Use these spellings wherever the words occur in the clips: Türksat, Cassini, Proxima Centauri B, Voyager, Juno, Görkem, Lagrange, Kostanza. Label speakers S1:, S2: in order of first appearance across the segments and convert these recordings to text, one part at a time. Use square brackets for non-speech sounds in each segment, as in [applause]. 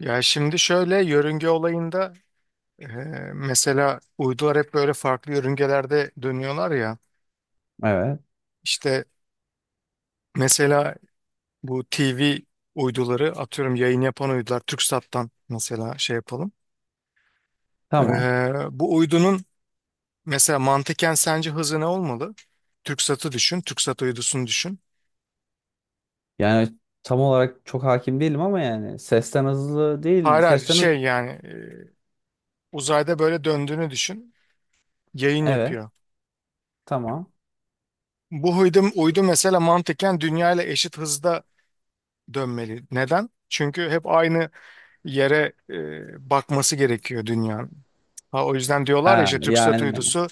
S1: Ya şimdi şöyle yörünge olayında e, mesela uydular hep böyle farklı yörüngelerde dönüyorlar ya.
S2: Evet.
S1: İşte mesela bu TV uyduları atıyorum, yayın yapan uydular, Türksat'tan mesela şey yapalım. E,
S2: Tamam.
S1: bu uydunun mesela mantıken sence hızı ne olmalı? Türksat'ı düşün, Türksat uydusunu düşün.
S2: Yani tam olarak çok hakim değilim ama yani sesten hızlı değil.
S1: Hayır, hayır,
S2: Sesten hızlı.
S1: şey yani uzayda böyle döndüğünü düşün. Yayın
S2: Evet.
S1: yapıyor.
S2: Tamam.
S1: Bu uydu, mesela mantıken dünya ile eşit hızda dönmeli. Neden? Çünkü hep aynı yere bakması gerekiyor dünyanın. Ha, o yüzden diyorlar ya
S2: Ha,
S1: işte TürkSat
S2: yani
S1: uydusu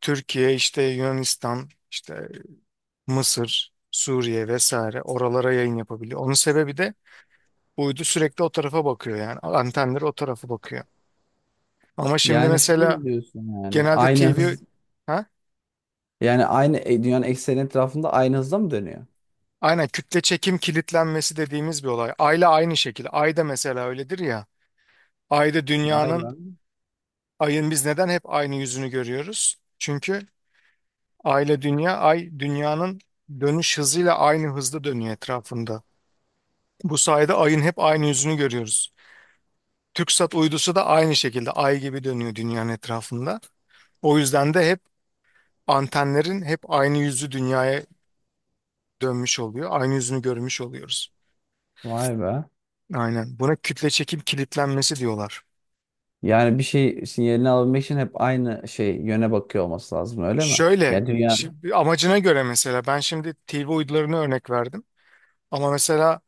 S1: Türkiye, işte Yunanistan, işte Mısır, Suriye vesaire oralara yayın yapabiliyor. Onun sebebi de bu uydu sürekli o tarafa bakıyor, yani antenleri o tarafa bakıyor. Ama şimdi
S2: şunu
S1: mesela
S2: mu diyorsun, yani
S1: genelde
S2: aynı
S1: TV
S2: hız,
S1: ha?
S2: yani aynı dünyanın ekseni etrafında aynı hızda mı dönüyor?
S1: Aynen, kütle çekim kilitlenmesi dediğimiz bir olay. Ayla aynı şekilde. Ayda mesela öyledir ya. Ayda
S2: Vay be.
S1: dünyanın ayın biz neden hep aynı yüzünü görüyoruz? Çünkü aile dünya, ay dünyanın dönüş hızıyla aynı hızda dönüyor etrafında. Bu sayede ayın hep aynı yüzünü görüyoruz. TürkSat uydusu da aynı şekilde ay gibi dönüyor dünyanın etrafında. O yüzden de hep antenlerin hep aynı yüzü dünyaya dönmüş oluyor. Aynı yüzünü görmüş oluyoruz.
S2: Vay be.
S1: Aynen. Buna kütle çekim kilitlenmesi diyorlar.
S2: Yani bir şey sinyalini alabilmek için hep aynı yöne bakıyor olması lazım, öyle mi?
S1: Şöyle,
S2: Ya dünya,
S1: amacına göre, mesela ben şimdi TV uydularını örnek verdim. Ama mesela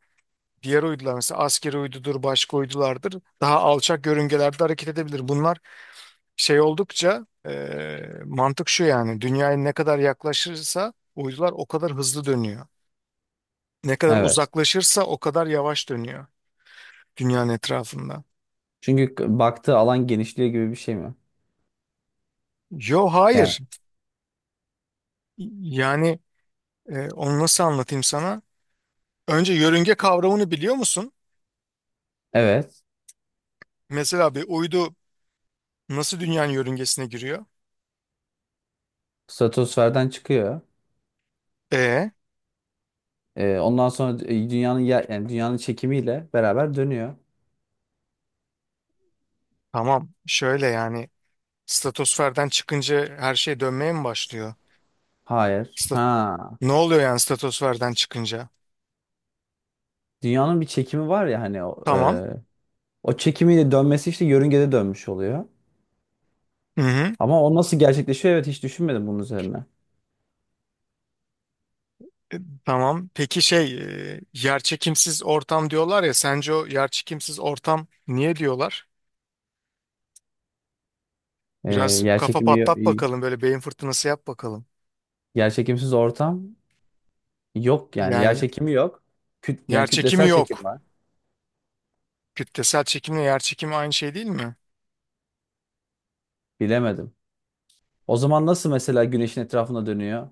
S1: diğer uydular, mesela askeri uydudur, başka uydulardır. Daha alçak yörüngelerde hareket edebilir. Bunlar şey oldukça mantık şu yani: dünyaya ne kadar yaklaşırsa uydular o kadar hızlı dönüyor. Ne kadar
S2: evet.
S1: uzaklaşırsa o kadar yavaş dönüyor dünyanın etrafında.
S2: Çünkü baktığı alan genişliyor gibi bir şey mi?
S1: Yo,
S2: Yani
S1: hayır. Yani onu nasıl anlatayım sana? Önce yörünge kavramını biliyor musun?
S2: evet.
S1: Mesela bir uydu nasıl dünyanın yörüngesine giriyor?
S2: Stratosferden çıkıyor.
S1: E
S2: Ondan sonra dünyanın yani dünyanın çekimiyle beraber dönüyor.
S1: tamam, şöyle yani, stratosferden çıkınca her şey dönmeye mi başlıyor?
S2: Hayır.
S1: Stat-
S2: Ha.
S1: ne oluyor yani stratosferden çıkınca?
S2: Dünyanın bir çekimi var ya, hani o,
S1: Tamam.
S2: o çekimiyle dönmesi, işte yörüngede dönmüş oluyor.
S1: Hı hı.
S2: Ama o nasıl gerçekleşiyor? Evet, hiç düşünmedim bunun üzerine.
S1: E, tamam. Peki şey, yerçekimsiz ortam diyorlar ya. Sence o yerçekimsiz ortam niye diyorlar? Biraz
S2: Yer
S1: kafa
S2: çekimi,
S1: patlat bakalım, böyle beyin fırtınası yap bakalım.
S2: yer çekimsiz ortam yok, yani yer
S1: Yani
S2: çekimi yok. Yani
S1: yerçekimi
S2: kütlesel çekim
S1: yok.
S2: var.
S1: Kütlesel çekimle yerçekimi aynı şey değil mi?
S2: Bilemedim. O zaman nasıl mesela güneşin etrafında dönüyor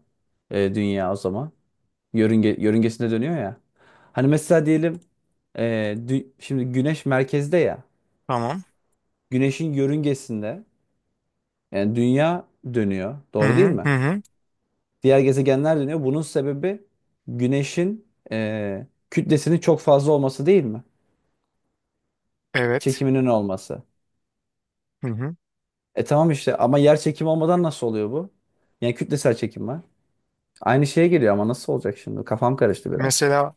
S2: dünya o zaman? Yörünge, yörüngesinde dönüyor ya. Hani mesela diyelim Ee, şimdi güneş merkezde ya.
S1: Tamam.
S2: Güneşin yörüngesinde yani dünya dönüyor.
S1: Hı
S2: Doğru değil
S1: hı hı
S2: mi?
S1: hı.
S2: Diğer gezegenler dönüyor. Bunun sebebi güneşin kütlesinin çok fazla olması değil mi?
S1: Evet.
S2: Çekiminin olması.
S1: Hı hı.
S2: E tamam işte, ama yer çekimi olmadan nasıl oluyor bu? Yani kütlesel çekim var. Aynı şeye geliyor ama nasıl olacak şimdi? Kafam karıştı biraz.
S1: Mesela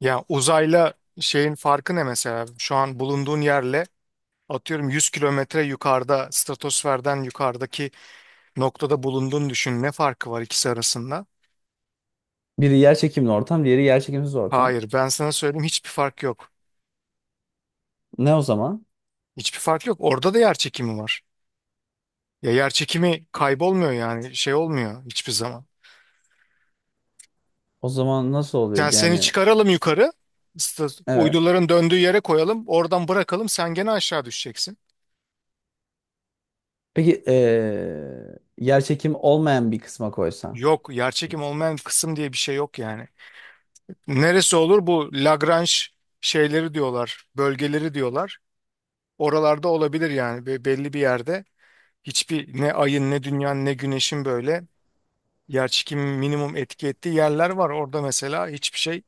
S1: ya uzayla şeyin farkı ne mesela? Şu an bulunduğun yerle, atıyorum 100 kilometre yukarıda, stratosferden yukarıdaki noktada bulunduğunu düşün. Ne farkı var ikisi arasında?
S2: Biri yer çekimli ortam, diğeri yer çekimsiz ortam.
S1: Hayır, ben sana söyleyeyim, hiçbir fark yok.
S2: Ne o zaman?
S1: Hiçbir fark yok. Orada da yer çekimi var. Ya yer çekimi kaybolmuyor, yani şey olmuyor hiçbir zaman.
S2: O zaman nasıl
S1: Yani
S2: oluyor?
S1: seni
S2: Yani
S1: çıkaralım yukarı,
S2: evet.
S1: uyduların döndüğü yere koyalım, oradan bırakalım, sen gene aşağı düşeceksin.
S2: Peki yerçekimi olmayan bir kısma koysan.
S1: Yok, yer çekimi olmayan kısım diye bir şey yok yani. Neresi olur bu Lagrange şeyleri diyorlar, bölgeleri diyorlar. Oralarda olabilir yani. Belli bir yerde. Hiçbir, ne ayın ne dünyanın ne güneşin böyle yer minimum etki ettiği yerler var. Orada mesela hiçbir şey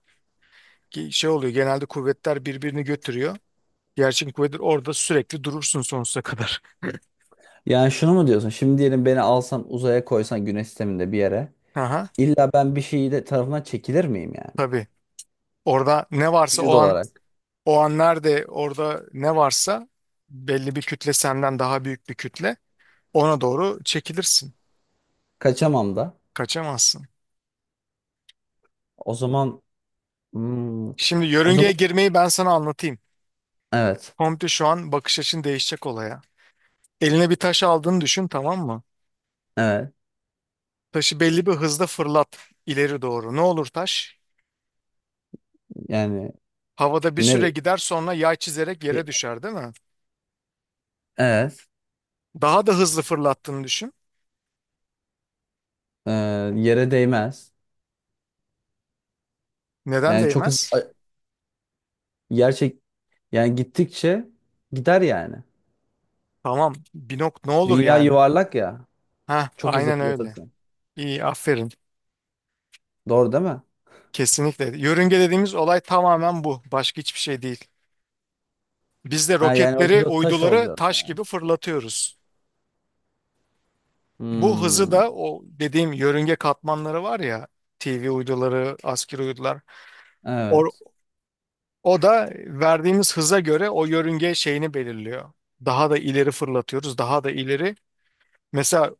S1: ki şey oluyor. Genelde kuvvetler birbirini götürüyor. Yerçekim kuvvetleri orada, sürekli durursun sonsuza kadar.
S2: Yani şunu mu diyorsun? Şimdi diyelim, beni alsan uzaya koysan güneş sisteminde bir yere.
S1: [laughs] Aha,
S2: İlla ben bir şeyi de tarafından çekilir miyim yani?
S1: tabii. Orada ne varsa
S2: Vücut
S1: o an,
S2: olarak.
S1: o an nerede orada ne varsa belli bir kütle, senden daha büyük bir kütle, ona doğru çekilirsin.
S2: Kaçamam da.
S1: Kaçamazsın.
S2: O zaman hmm,
S1: Şimdi
S2: o zaman
S1: yörüngeye girmeyi ben sana anlatayım.
S2: evet.
S1: Komple şu an bakış açın değişecek olaya. Eline bir taş aldığını düşün, tamam mı?
S2: Evet.
S1: Taşı belli bir hızda fırlat ileri doğru. Ne olur taş?
S2: Yani
S1: Havada bir süre
S2: nere
S1: gider, sonra yay çizerek yere düşer değil mi?
S2: evet.
S1: Daha da hızlı fırlattığını düşün.
S2: Ee, yere değmez.
S1: Neden
S2: Yani çok
S1: değmez?
S2: hızlı, gerçek yani gittikçe gider yani.
S1: Tamam. Bir nok ne olur
S2: Dünya
S1: yani?
S2: yuvarlak ya.
S1: Ha,
S2: Çok hızlı
S1: aynen öyle.
S2: fırlatırsan.
S1: İyi, aferin.
S2: Doğru değil mi?
S1: Kesinlikle. Yörünge dediğimiz olay tamamen bu. Başka hiçbir şey değil. Biz de
S2: Ha, yani o, biz
S1: roketleri,
S2: o taş
S1: uyduları
S2: olacağız
S1: taş
S2: yani.
S1: gibi fırlatıyoruz. Bu hızı
S2: Hmm.
S1: da, o dediğim yörünge katmanları var ya, TV uyduları, askeri uydular.
S2: Evet.
S1: O da verdiğimiz hıza göre o yörünge şeyini belirliyor. Daha da ileri fırlatıyoruz, daha da ileri. Mesela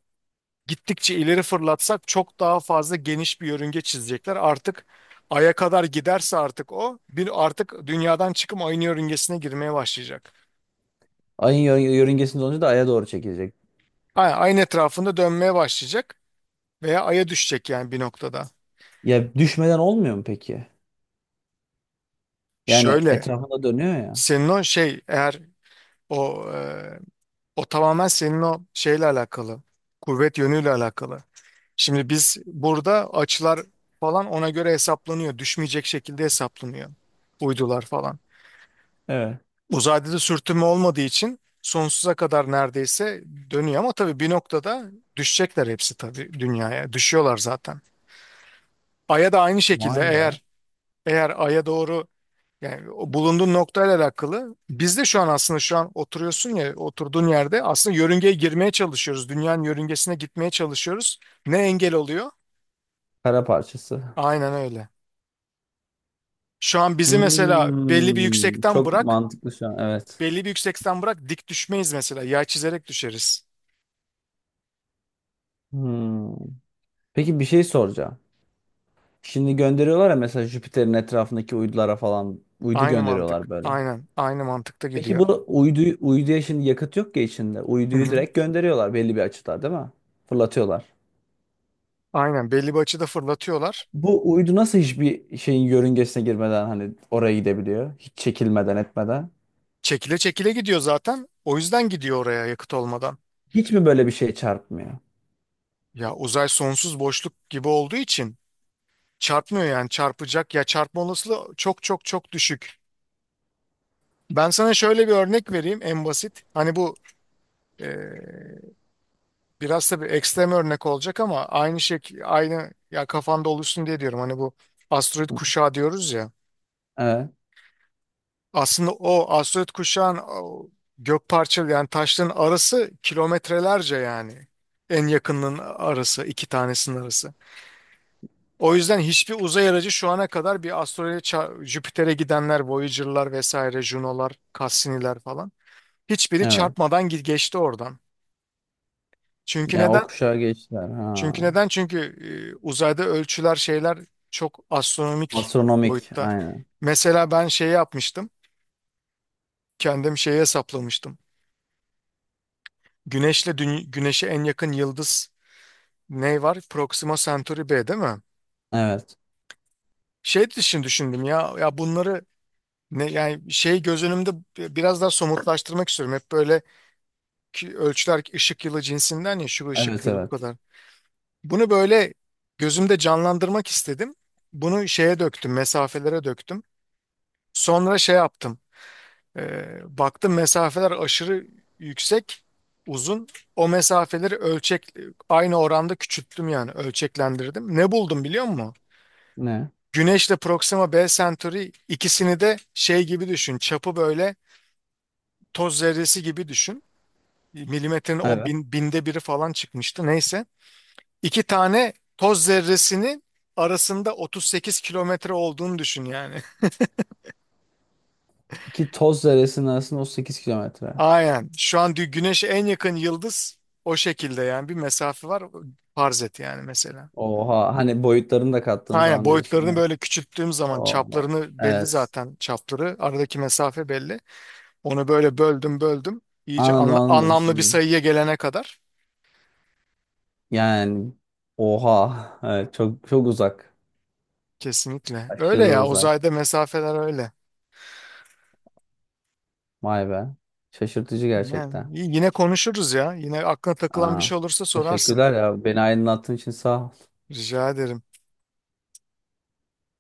S1: gittikçe ileri fırlatsak çok daha fazla geniş bir yörünge çizecekler. Artık Ay'a kadar giderse, artık o, bir artık dünyadan çıkıp aynı yörüngesine girmeye başlayacak.
S2: Ayın yörüngesinde olunca da aya doğru çekilecek.
S1: Ayın etrafında dönmeye başlayacak veya Ay'a düşecek yani bir noktada.
S2: Ya düşmeden olmuyor mu peki? Yani
S1: Şöyle,
S2: etrafında dönüyor ya.
S1: senin o şey eğer o o tamamen senin o şeyle alakalı, kuvvet yönüyle alakalı. Şimdi biz burada açılar falan ona göre hesaplanıyor. Düşmeyecek şekilde hesaplanıyor. Uydular falan.
S2: Evet.
S1: Uzayda da sürtünme olmadığı için sonsuza kadar neredeyse dönüyor, ama tabii bir noktada düşecekler hepsi tabii dünyaya. Düşüyorlar zaten. Ay'a da aynı şekilde
S2: Vay be.
S1: eğer, Ay'a doğru, yani o bulunduğun noktayla alakalı. Biz de şu an aslında, şu an oturuyorsun ya oturduğun yerde, aslında yörüngeye girmeye çalışıyoruz. Dünyanın yörüngesine gitmeye çalışıyoruz. Ne engel oluyor?
S2: Kara parçası.
S1: Aynen öyle. Şu an bizi mesela belli bir
S2: Hmm,
S1: yüksekten
S2: çok
S1: bırak,
S2: mantıklı şu an. Evet.
S1: dik düşmeyiz mesela. Yay çizerek düşeriz.
S2: Hmm. Peki bir şey soracağım. Şimdi gönderiyorlar ya, mesela Jüpiter'in etrafındaki uydulara falan uydu
S1: Aynı mantık.
S2: gönderiyorlar böyle.
S1: Aynen. Aynı mantıkta
S2: Peki
S1: gidiyor.
S2: bu uydu, uyduya şimdi yakıt yok ya içinde.
S1: Hı
S2: Uyduyu
S1: hı.
S2: direkt gönderiyorlar belli bir açıda değil mi? Fırlatıyorlar.
S1: Aynen. Belli bir açıda fırlatıyorlar.
S2: Bu uydu nasıl hiçbir şeyin yörüngesine girmeden hani oraya gidebiliyor? Hiç çekilmeden etmeden.
S1: Çekile çekile gidiyor zaten. O yüzden gidiyor oraya yakıt olmadan.
S2: Hiç mi böyle bir şey çarpmıyor?
S1: Ya uzay sonsuz boşluk gibi olduğu için çarpmıyor, yani çarpacak ya, çarpma olasılığı çok çok çok düşük. Ben sana şöyle bir örnek vereyim en basit. Hani bu, biraz tabii ekstrem örnek olacak ama aynı şey, ya kafanda oluşsun diye diyorum. Hani bu asteroid kuşağı diyoruz ya.
S2: Evet.
S1: Aslında o asteroid kuşağın o gök parçalı, yani taşların arası kilometrelerce yani. En yakınının arası, iki tanesinin arası. O yüzden hiçbir uzay aracı şu ana kadar bir asteroide Jüpiter'e gidenler, Voyager'lar vesaire, Juno'lar, Cassini'ler falan, hiçbiri
S2: Evet.
S1: çarpmadan geçti oradan. Çünkü
S2: Yani o
S1: neden?
S2: kuşağa geçtiler. Ha.
S1: Çünkü uzayda ölçüler, şeyler çok astronomik
S2: Astronomik.
S1: boyutta.
S2: Aynen.
S1: Mesela ben şey yapmıştım. Kendim şeyi hesaplamıştım. Güneşle Güneş'e en yakın yıldız ne var? Proxima Centauri B değil mi?
S2: Evet.
S1: Şey için düşündüm ya, ya bunları ne yani şey, göz önümde biraz daha somutlaştırmak istiyorum. Hep böyle ki ölçüler ışık yılı cinsinden, ya şu ışık
S2: Evet,
S1: yılı bu
S2: evet.
S1: kadar. Bunu böyle gözümde canlandırmak istedim. Bunu şeye döktüm, mesafelere döktüm. Sonra şey yaptım. Baktım mesafeler aşırı yüksek, uzun. O mesafeleri ölçek aynı oranda küçülttüm, yani ölçeklendirdim. Ne buldum biliyor musun?
S2: Ne?
S1: Güneşle Proxima B Centauri, ikisini de şey gibi düşün. Çapı böyle toz zerresi gibi düşün. Milimetrenin o
S2: Evet.
S1: binde biri falan çıkmıştı neyse. İki tane toz zerresinin arasında 38 kilometre olduğunu düşün yani. [laughs]
S2: Ki toz zerresinin arasında 38 kilometre.
S1: Aynen. Şu an güneşe en yakın yıldız o şekilde yani, bir mesafe var. Farz et yani mesela.
S2: Oha. Hani boyutlarını da kattığın
S1: Aynen,
S2: zaman diyorsun.
S1: boyutlarını
S2: Evet.
S1: böyle küçülttüğüm zaman,
S2: Oha.
S1: çaplarını belli
S2: Evet.
S1: zaten, çapları. Aradaki mesafe belli. Onu böyle böldüm böldüm. İyice
S2: Anladım, anladım, demek
S1: anlamlı bir
S2: istediğini.
S1: sayıya gelene kadar.
S2: Yani oha. Evet, çok çok uzak.
S1: Kesinlikle. Öyle
S2: Aşırı
S1: ya,
S2: uzak.
S1: uzayda mesafeler öyle.
S2: Vay be. Şaşırtıcı gerçekten.
S1: Yani yine konuşuruz ya. Yine aklına takılan bir
S2: Aa,
S1: şey olursa sorarsın.
S2: teşekkürler ya. Beni aydınlattığın için sağ ol.
S1: Rica ederim.